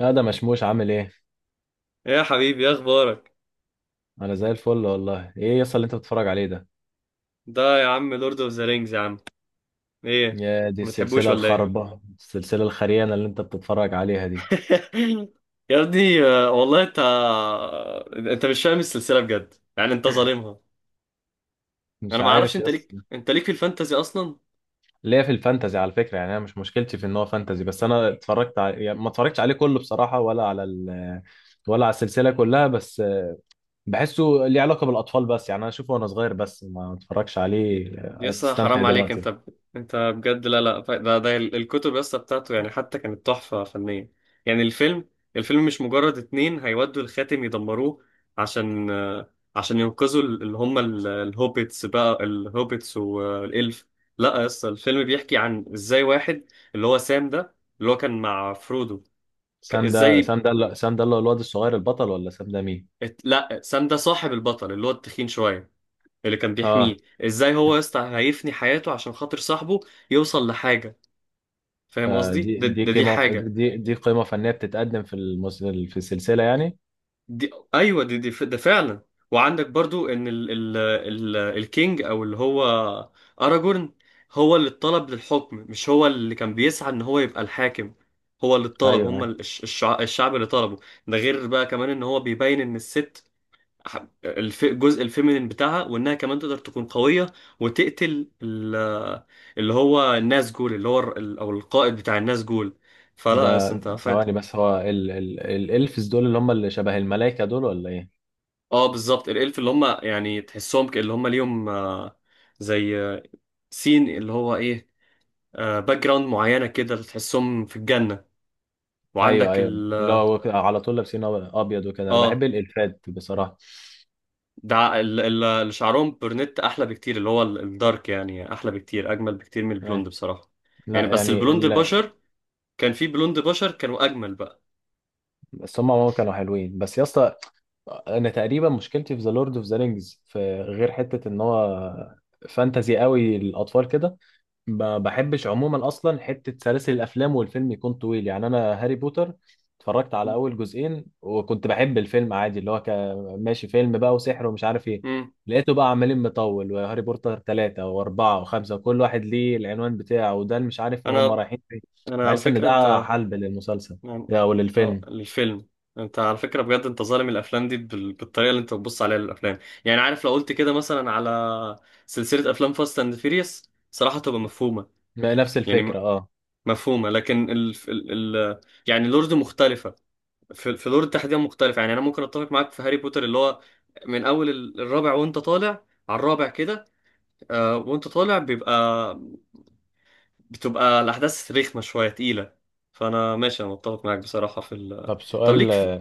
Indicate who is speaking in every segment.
Speaker 1: لا ده مشموش عامل ايه.
Speaker 2: ايه يا حبيبي؟ ايه اخبارك؟
Speaker 1: انا زي الفل والله. ايه يصل اللي انت بتتفرج عليه ده؟
Speaker 2: ده يا عم لورد اوف ذا رينجز يا عم. ايه،
Speaker 1: يا دي
Speaker 2: ما بتحبوش
Speaker 1: السلسله
Speaker 2: ولا ايه؟
Speaker 1: الخربه، السلسله الخريانه اللي انت بتتفرج عليها دي.
Speaker 2: يا ابني والله انت، انت مش فاهم السلسله بجد، يعني انت ظالمها.
Speaker 1: مش
Speaker 2: انا ما اعرفش،
Speaker 1: عارف
Speaker 2: انت ليك،
Speaker 1: يصل.
Speaker 2: انت ليك في الفانتازي اصلا.
Speaker 1: ليا في الفانتزي على فكره، يعني انا مش مشكلتي في ان هو فانتزي، بس انا اتفرجت على... يعني ما اتفرجتش عليه كله بصراحه ولا على ال... ولا على السلسله كلها، بس بحسه ليه علاقه بالاطفال، بس يعني انا اشوفه وانا صغير بس ما اتفرجش عليه.
Speaker 2: يا اسطى
Speaker 1: تستمتع
Speaker 2: حرام عليك،
Speaker 1: دلوقتي.
Speaker 2: انت ب... انت بجد. لا لا ف- ده ده ال- الكتب يا اسطى بتاعته يعني حتى كانت تحفة فنية. يعني الفيلم، الفيلم مش مجرد اتنين هيودوا الخاتم يدمروه عشان عشان ينقذوا الهوبيتس بقى، الهوبيتس والإلف. لا يا اسطى، الفيلم بيحكي عن ازاي واحد، اللي هو سام ده، اللي هو كان مع فرودو.
Speaker 1: سام ده
Speaker 2: ازاي
Speaker 1: سام ده سام ده اللي هو الواد الصغير البطل، ولا سام ده مين؟
Speaker 2: لا، سام ده صاحب البطل اللي هو التخين شوية، اللي كان بيحميه.
Speaker 1: اه.
Speaker 2: ازاي هو يا اسطى هيفني حياته عشان خاطر صاحبه يوصل لحاجه. فاهم قصدي؟
Speaker 1: فدي
Speaker 2: ده,
Speaker 1: دي
Speaker 2: ده دي
Speaker 1: قيمة
Speaker 2: حاجه.
Speaker 1: دي دي قيمة فنية بتتقدم في في السلسلة يعني.
Speaker 2: دي ايوه، دي ده فعلا. وعندك برضو ان ال الكينج او اللي هو اراجورن، هو اللي اتطلب للحكم، مش هو اللي كان بيسعى ان هو يبقى الحاكم. هو اللي
Speaker 1: أيوه،
Speaker 2: اتطلب، هم
Speaker 1: أيوه.
Speaker 2: الشعب اللي طلبه. ده غير بقى كمان ان هو بيبين ان الست، الجزء الفيمينين بتاعها، وانها كمان تقدر تكون قوية وتقتل ال... اللي هو الناس جول، اللي هو ال... او القائد بتاع الناس جول. فلا
Speaker 1: ده
Speaker 2: بس انت فات.
Speaker 1: ثواني بس، هو الإلفز دول اللي هم اللي شبه الملايكة دول ولا إيه؟
Speaker 2: اه بالظبط، الالف اللي هم يعني تحسهم ك... اللي هم ليهم زي سين اللي هو ايه، باك جراوند معينة كده اللي تحسهم في الجنة.
Speaker 1: أيوه
Speaker 2: وعندك
Speaker 1: أيوه،
Speaker 2: ال...
Speaker 1: اللي هو على طول لابسين أبيض وكده. أنا بحب
Speaker 2: اه
Speaker 1: الإلفات بصراحة.
Speaker 2: ده اللي شعرهم برنت احلى بكتير، اللي هو ال- الدارك يعني احلى بكتير، اجمل بكتير من
Speaker 1: أيوة.
Speaker 2: البلوند بصراحة. يعني
Speaker 1: لا
Speaker 2: بس
Speaker 1: يعني
Speaker 2: البلوند البشر، كان في بلوند بشر كانوا اجمل بقى.
Speaker 1: بس هم عموما كانوا حلوين بس يا اسطى. أنا تقريبا مشكلتي في ذا لورد أوف ذا رينجز في غير حتة إن هو فانتزي قوي الأطفال كده. ما بحبش عموما اصلا حته سلاسل الافلام والفيلم يكون طويل. يعني انا هاري بوتر اتفرجت على اول جزئين وكنت بحب الفيلم عادي، اللي هو ماشي فيلم بقى وسحر ومش عارف ايه.
Speaker 2: امم
Speaker 1: لقيته بقى عمالين مطول، وهاري بوتر ثلاثة وأربعة وخمسة، وكل واحد ليه العنوان بتاعه، وده اللي مش عارف هم
Speaker 2: انا،
Speaker 1: رايحين فين.
Speaker 2: على
Speaker 1: بحس إن
Speaker 2: فكره
Speaker 1: ده
Speaker 2: انت
Speaker 1: حلب للمسلسل
Speaker 2: يعني-
Speaker 1: أو
Speaker 2: ها
Speaker 1: للفيلم.
Speaker 2: الفيلم، انت على فكره بجد انت ظالم الافلام دي بال... بالطريقه اللي انت بتبص عليها للافلام. يعني عارف لو قلت كده مثلا على سلسله افلام فاست اند فيريوس، صراحه تبقى مفهومه.
Speaker 1: نفس
Speaker 2: يعني م-
Speaker 1: الفكرة، اه.
Speaker 2: مفهومه، لكن يعني لورد مختلفه. في لورد تحديدا مختلفه، يعني انا ممكن اتفق معاك في هاري بوتر، اللي هو من اول ال- الرابع وانت طالع. على الرابع كده آه وانت طالع بيبقى، بتبقى الأحداث رخمة شوية، تقيلة. فأنا ماشي، أنا متفق معاك بصراحة في ال...
Speaker 1: طب
Speaker 2: طب
Speaker 1: سؤال،
Speaker 2: ليك في...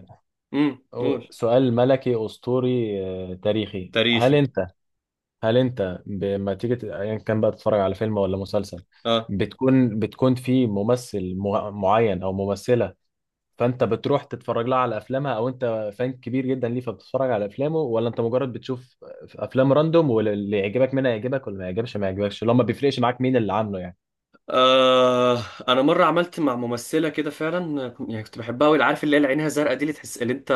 Speaker 2: قول.
Speaker 1: سؤال ملكي أسطوري، تاريخي. هل
Speaker 2: تاريخي.
Speaker 1: أنت، هل انت لما تيجي ايا كان بقى تتفرج على فيلم ولا مسلسل،
Speaker 2: آه.
Speaker 1: بتكون في ممثل معين او ممثله، فانت بتروح تتفرج لها على افلامها، او انت فان كبير جدا ليه فبتتفرج على افلامه؟ ولا انت مجرد بتشوف افلام راندوم، واللي يعجبك منها يعجبك واللي ما يعجبش ما يعجبكش، اللي هو ما بيفرقش معاك مين اللي عامله يعني؟
Speaker 2: آه، أنا مرة عملت مع ممثلة كده فعلا، يعني كنت بحبها أوي، عارف اللي هي اللي عينها زرقاء دي اللي تحس اللي أنت،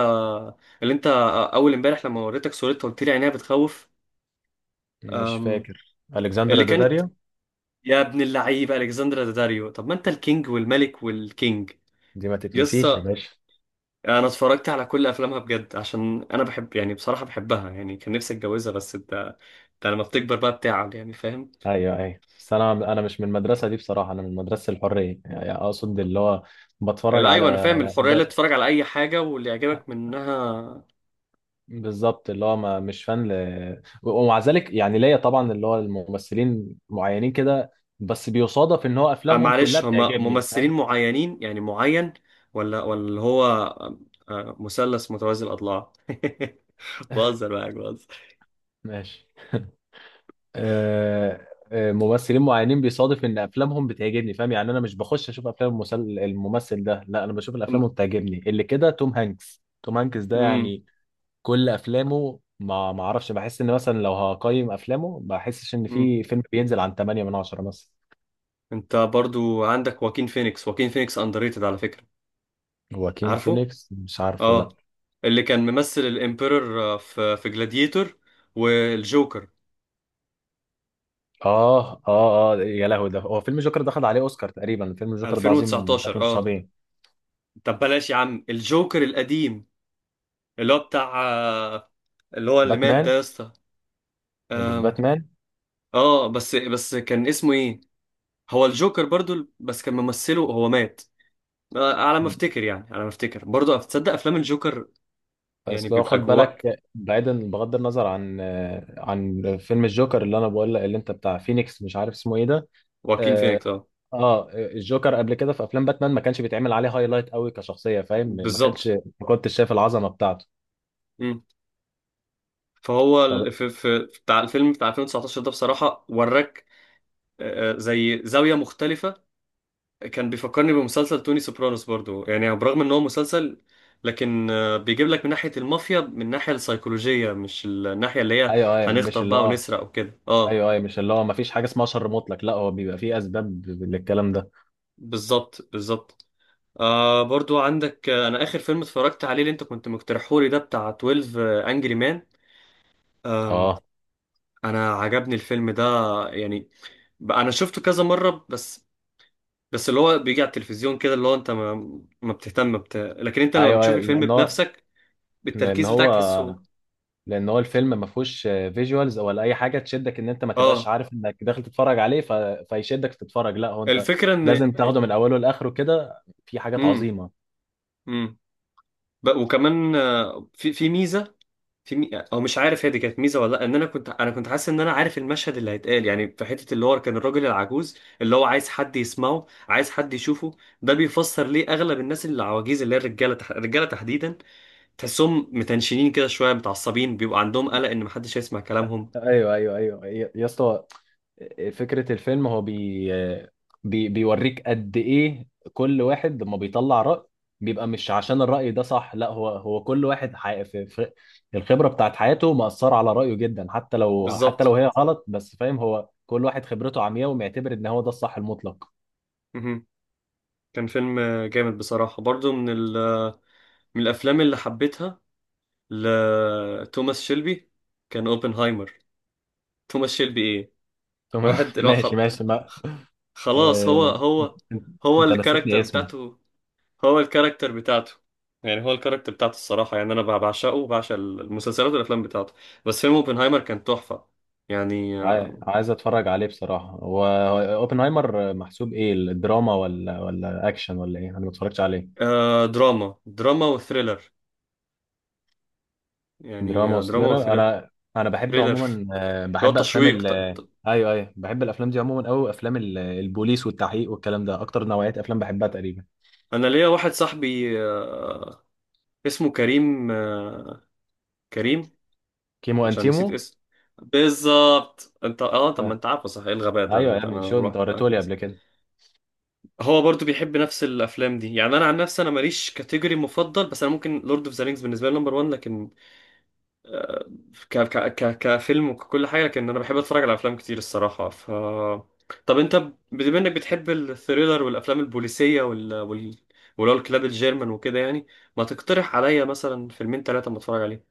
Speaker 2: اللي أنت أول إمبارح لما وريتك صورتها قلت لي عينيها بتخوف.
Speaker 1: مش
Speaker 2: آم.
Speaker 1: فاكر، الكسندر
Speaker 2: اللي كانت،
Speaker 1: داداريو.
Speaker 2: يا ابن اللعيبة ألكسندرا داداريو، طب ما أنت الكينج والملك والكينج.
Speaker 1: دي ما
Speaker 2: يس،
Speaker 1: تتنسيش يا باشا.
Speaker 2: انا اتفرجت على كل افلامها بجد، عشان انا بحب يعني بصراحه بحبها يعني، كان نفسي اتجوزها. بس انت، انت لما بتكبر بقى بتعب، يعني فاهم.
Speaker 1: ايوه ايوه، بس انا مش من المدرسه دي بصراحه، انا من مدرسه الحريه، يعني اقصد اللي هو بتفرج
Speaker 2: لا،
Speaker 1: على.
Speaker 2: ايوه، انا فاهم، الحريه اللي تتفرج على اي حاجه واللي يعجبك منها.
Speaker 1: بالظبط، اللي هو ما مش فان ومع ذلك يعني ليا طبعا اللي هو الممثلين معينين كده، بس بيصادف ان هو افلامهم كلها
Speaker 2: معلش، هما
Speaker 1: بتعجبني،
Speaker 2: ممثلين
Speaker 1: فاهم.
Speaker 2: معينين يعني معين، ولا اللي هو مثلث متوازي الاضلاع بهزر معاك، بهزر.
Speaker 1: ماشي. ممثلين معينين بيصادف ان افلامهم بتعجبني فاهم. يعني انا مش بخش اشوف افلام الممثل ده، لا انا بشوف الافلام اللي بتعجبني، اللي كده توم هانكس. توم هانكس ده
Speaker 2: امم
Speaker 1: يعني كل افلامه، ما اعرفش، بحس ان مثلا لو هقيم افلامه ما بحسش ان في فيلم بينزل عن 8 من 10 مثلا.
Speaker 2: انت برضو عندك واكين فينيكس، واكين فينيكس اندريتد على فكره.
Speaker 1: واكين
Speaker 2: عارفه؟
Speaker 1: فينيكس مش عارفه،
Speaker 2: اه،
Speaker 1: لا.
Speaker 2: اللي كان ممثل الامبيرور في جلاديتور، والجوكر
Speaker 1: اه اه اه يا لهوي، ده هو فيلم جوكر ده خد عليه اوسكار تقريبا، فيلم جوكر ده عظيم
Speaker 2: 2019.
Speaker 1: بشكل مش
Speaker 2: اه
Speaker 1: طبيعي.
Speaker 2: طب بلاش يا عم الجوكر القديم، اللي هو بتاع اللي هو اللي مات ده
Speaker 1: باتمان.
Speaker 2: يا اسطى.
Speaker 1: اللي في
Speaker 2: آم.
Speaker 1: باتمان.
Speaker 2: اه، بس كان اسمه ايه؟ هو الجوكر برضو، بس كان ممثله هو مات، على ما افتكر يعني، على ما افتكر برضو، تصدق افلام الجوكر يعني
Speaker 1: بس لو
Speaker 2: بيبقى
Speaker 1: خد
Speaker 2: جواء.
Speaker 1: بالك، بعيدا بغض النظر عن، عن فيلم الجوكر اللي انا بقول لك، اللي انت بتاع فينيكس مش عارف اسمه ايه ده،
Speaker 2: واكين
Speaker 1: اه.
Speaker 2: فينيكس اه،
Speaker 1: الجوكر قبل كده في افلام باتمان ما كانش بيتعمل عليه هايلايت قوي كشخصيه، فاهم، ما كانش،
Speaker 2: بالظبط.
Speaker 1: ما كنتش شايف العظمه بتاعته.
Speaker 2: مم. فهو
Speaker 1: طب.
Speaker 2: ال- في بتاع الفيلم بتاع 2019 ده بصراحة وراك، زي زاوية مختلفة. كان بيفكرني بمسلسل توني سوبرانوس برضو، يعني برغم ان هو مسلسل لكن بيجيب لك من ناحية المافيا، من الناحية السيكولوجية، مش الناحية اللي هي
Speaker 1: ايوه ايوه مش
Speaker 2: هنخطف
Speaker 1: اللي
Speaker 2: بقى
Speaker 1: هو.
Speaker 2: ونسرق وكده اه.
Speaker 1: ايوه ايوه مش اللي هو ما فيش حاجه اسمها شر مطلق، لا هو بيبقى فيه اسباب للكلام ده.
Speaker 2: بالظبط. آه برضو عندك، انا اخر فيلم اتفرجت عليه اللي انت كنت مقترحهولي ده بتاع 12 انجري مان. أم.
Speaker 1: اه.
Speaker 2: انا عجبني الفيلم ده، يعني بقى انا شفته كذا مرة. بس، بس اللي هو بيجي على التلفزيون كده اللي هو انت ما ما بتهتم بت... لكن انت لما
Speaker 1: ايوه،
Speaker 2: بتشوف
Speaker 1: أيوه،
Speaker 2: الفيلم بنفسك
Speaker 1: لان
Speaker 2: بالتركيز
Speaker 1: هو
Speaker 2: بتاعك تحسه.
Speaker 1: لان هو الفيلم ما فيهوش فيجوالز ولا اي حاجه تشدك، ان انت ما تبقاش
Speaker 2: اه
Speaker 1: عارف انك داخل تتفرج عليه فيشدك تتفرج، لا هو انت
Speaker 2: الفكرة ان
Speaker 1: لازم تاخده من اوله لاخره كده، في حاجات
Speaker 2: امم
Speaker 1: عظيمه.
Speaker 2: امم ب... وكمان في ميزة، في مي... او مش عارف هي دي كانت ميزة ولا لا، ان انا كنت حاسس ان انا عارف المشهد اللي هيتقال. يعني في حتة اللي هو كان الراجل العجوز اللي هو عايز حد يسمعه، عايز حد يشوفه، ده بيفسر ليه اغلب الناس اللي العواجيز اللي هي الرجالة تح... الرجالة تحديدا، تحسهم متنشنين كده شوية، متعصبين، بيبقى عندهم قلق ان محدش هيسمع كلامهم.
Speaker 1: ايوه ايوه ايوه يا يا اسطى. فكرة الفيلم هو بي بي بيوريك قد إيه كل واحد لما بيطلع رأي، بيبقى مش عشان الرأي ده صح، لا هو هو كل واحد في الخبرة بتاعت حياته مأثرة على رأيه جدا حتى لو، حتى لو
Speaker 2: بالظبط.
Speaker 1: هي غلط، بس فاهم، هو كل واحد خبرته عمياء ومعتبر إن هو ده الصح المطلق.
Speaker 2: مهم. كان فيلم جامد بصراحة، برضو من ال... من الأفلام اللي حبيتها لتوماس شيلبي، كان أوبنهايمر. توماس شيلبي إيه،
Speaker 1: تمام.
Speaker 2: الواحد الوا-
Speaker 1: ماشي
Speaker 2: خل-
Speaker 1: ماشي ما
Speaker 2: خلاص، هو
Speaker 1: آه...
Speaker 2: هو،
Speaker 1: أنت،
Speaker 2: هو
Speaker 1: نسيتني
Speaker 2: الكاركتر
Speaker 1: اسمه.
Speaker 2: بتاعته، هو الكاركتر بتاعته، يعني هو الكاركتر بتاعته الصراحة، يعني أنا بعشقه وبعشق المسلسلات والأفلام بتاعته. بس فيلم أوبنهايمر كان تحفة يعني آه.
Speaker 1: عايز اتفرج عليه بصراحة. هو، هو اوبنهايمر محسوب ايه؟ الدراما ولا، ولا اكشن ولا ايه؟ انا ما اتفرجتش عليه.
Speaker 2: دراما، وثريلر. يعني
Speaker 1: دراما
Speaker 2: دراما
Speaker 1: وسلرر.
Speaker 2: وثريلر،
Speaker 1: انا بحب
Speaker 2: ثريلر
Speaker 1: عموما،
Speaker 2: اللي هو
Speaker 1: بحب افلام
Speaker 2: تشويق
Speaker 1: ال
Speaker 2: ت-
Speaker 1: ايوه ايوه، بحب الافلام دي عموما قوي، افلام البوليس والتحقيق والكلام ده اكتر نوعية افلام بحبها تقريبا.
Speaker 2: أنا ليا واحد صاحبي اسمه كريم، كريم.
Speaker 1: كيمو
Speaker 2: عشان نسيت
Speaker 1: انتيمو.
Speaker 2: اسم، بالظبط انت اه. طب ما
Speaker 1: آه.
Speaker 2: انت عارفه، صح؟ ايه الغباء ده
Speaker 1: ايوه يا
Speaker 2: اللي
Speaker 1: ابني،
Speaker 2: انا،
Speaker 1: شو انت
Speaker 2: الواحد الواحد
Speaker 1: وريتهولي
Speaker 2: بينسى.
Speaker 1: قبل كده.
Speaker 2: هو برضو بيحب نفس الافلام دي، يعني انا عن نفسي انا ماليش كاتيجوري مفضل، بس انا ممكن لورد اوف ذا رينجز بالنسبه لي نمبر 1، لكن آه، ك ك ك كفيلم وكل حاجه. لكن انا بحب اتفرج على افلام كتير الصراحه. ف طب انت ب- بما انك بتحب الثريلر والافلام البوليسيه وال ولو الكلاب الجيرمان وكده يعني، ما تقترح عليا مثلا فيلمين ثلاثه ما اتفرج عليهم.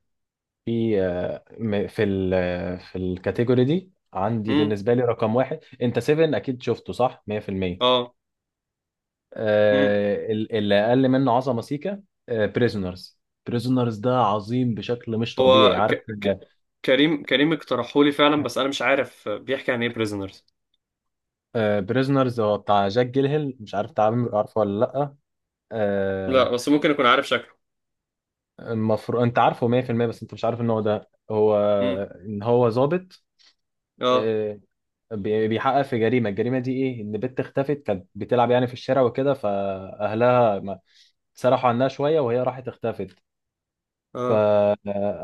Speaker 1: في آه، م- في ال آه، في الكاتيجوري دي عندي
Speaker 2: امم
Speaker 1: بالنسبة لي رقم واحد، انت 7 اكيد شفته صح 100%.
Speaker 2: اه. مم.
Speaker 1: اللي اقل منه عظمة سيكا، بريزونرز. بريزونرز ده عظيم بشكل مش طبيعي،
Speaker 2: هو ك...
Speaker 1: عارف؟
Speaker 2: ك... كريم كريم اقترحه لي فعلا،
Speaker 1: آه،
Speaker 2: بس انا مش عارف بيحكي عن ايه بريزنرز.
Speaker 1: بريزنرز هو بتاع جاك جيلهيل، مش عارف تعرف، عارفه ولا لأ؟
Speaker 2: لا
Speaker 1: آه.
Speaker 2: بس ممكن اكون عارف شكله.
Speaker 1: المفروض انت عارفه 100%، بس انت مش عارف ان هو ده هو،
Speaker 2: امم.
Speaker 1: ان هو ضابط.
Speaker 2: اه
Speaker 1: آه. بيحقق في جريمة. الجريمة دي ايه؟ ان بنت اختفت، كانت بتلعب يعني في الشارع وكده، فأهلها سرحوا عنها شوية وهي راحت اختفت. ف
Speaker 2: اه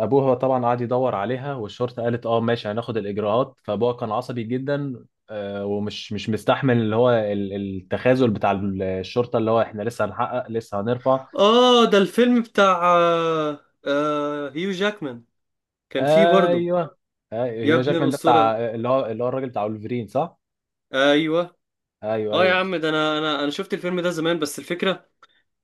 Speaker 1: ابوها طبعا قعد يدور عليها، والشرطه قالت اه ماشي هناخد الاجراءات، فابوها كان عصبي جدا. آه، ومش مش مستحمل اللي هو التخاذل بتاع الشرطه، اللي هو احنا لسه هنحقق لسه هنرفع.
Speaker 2: اه ده الفيلم بتاع هيو جاكمان، كان فيه برضه.
Speaker 1: ايوه.
Speaker 2: يا
Speaker 1: ايوه،
Speaker 2: ابن
Speaker 1: جاكمان ده بتاع
Speaker 2: الأسطورة.
Speaker 1: اللي هو، اللي هو الراجل بتاع ولفرين صح؟
Speaker 2: ايوه.
Speaker 1: ايوه
Speaker 2: اه يا
Speaker 1: ايوه.
Speaker 2: عم ده انا، شفت الفيلم ده زمان. بس الفكرة،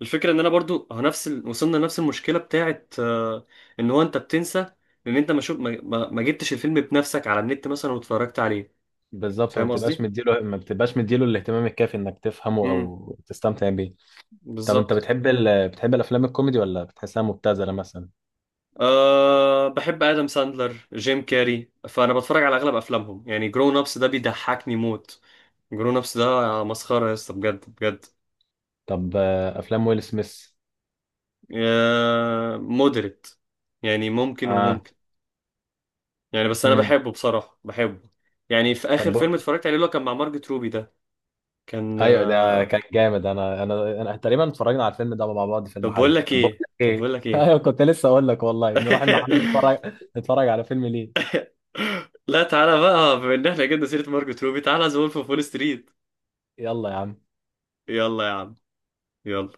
Speaker 2: الفكرة ان انا برضه اه نفس ال... وصلنا لنفس المشكلة بتاعت آه، ان هو انت بتنسى ان انت ما شوف ما جبتش الفيلم بنفسك على النت مثلا واتفرجت عليه.
Speaker 1: بالظبط، ما
Speaker 2: فاهم
Speaker 1: بتبقاش
Speaker 2: قصدي؟
Speaker 1: مديله ما بتبقاش مديله الاهتمام الكافي انك تفهمه او تستمتع بيه. طب انت
Speaker 2: بالظبط.
Speaker 1: بتحب بتحب الافلام الكوميدي، ولا بتحسها مبتذله مثلا؟
Speaker 2: أه بحب آدم ساندلر، جيم كاري، فأنا بتفرج على أغلب أفلامهم. يعني جرون أبس ده بيضحكني موت، جرون أبس ده مسخرة يا اسطى بجد، بجد.
Speaker 1: طب، افلام ويل سميث.
Speaker 2: أه، مودريت، يعني ممكن
Speaker 1: اه.
Speaker 2: وممكن، يعني بس أنا
Speaker 1: امم.
Speaker 2: بحبه بصراحة، بحبه. يعني في آخر فيلم
Speaker 1: طب.
Speaker 2: اتفرجت عليه اللي هو كان مع مارجت روبي ده، كان
Speaker 1: ايوه ده
Speaker 2: أه.
Speaker 1: كان جامد. انا تقريبا اتفرجنا على الفيلم ده مع بعض في المحل. طب بقول لك
Speaker 2: طب
Speaker 1: ايه،
Speaker 2: بقول لك إيه؟
Speaker 1: ايوه كنت لسه اقول لك والله نروح المحل نتفرج. نتفرج على فيلم ليه.
Speaker 2: لا تعالى بقى، بما إن إحنا جبنا سيرة مارجت روبي، تعالى ذا وولف أوف وول ستريت.
Speaker 1: يلا يا عم.
Speaker 2: يلا يا عم، يلا.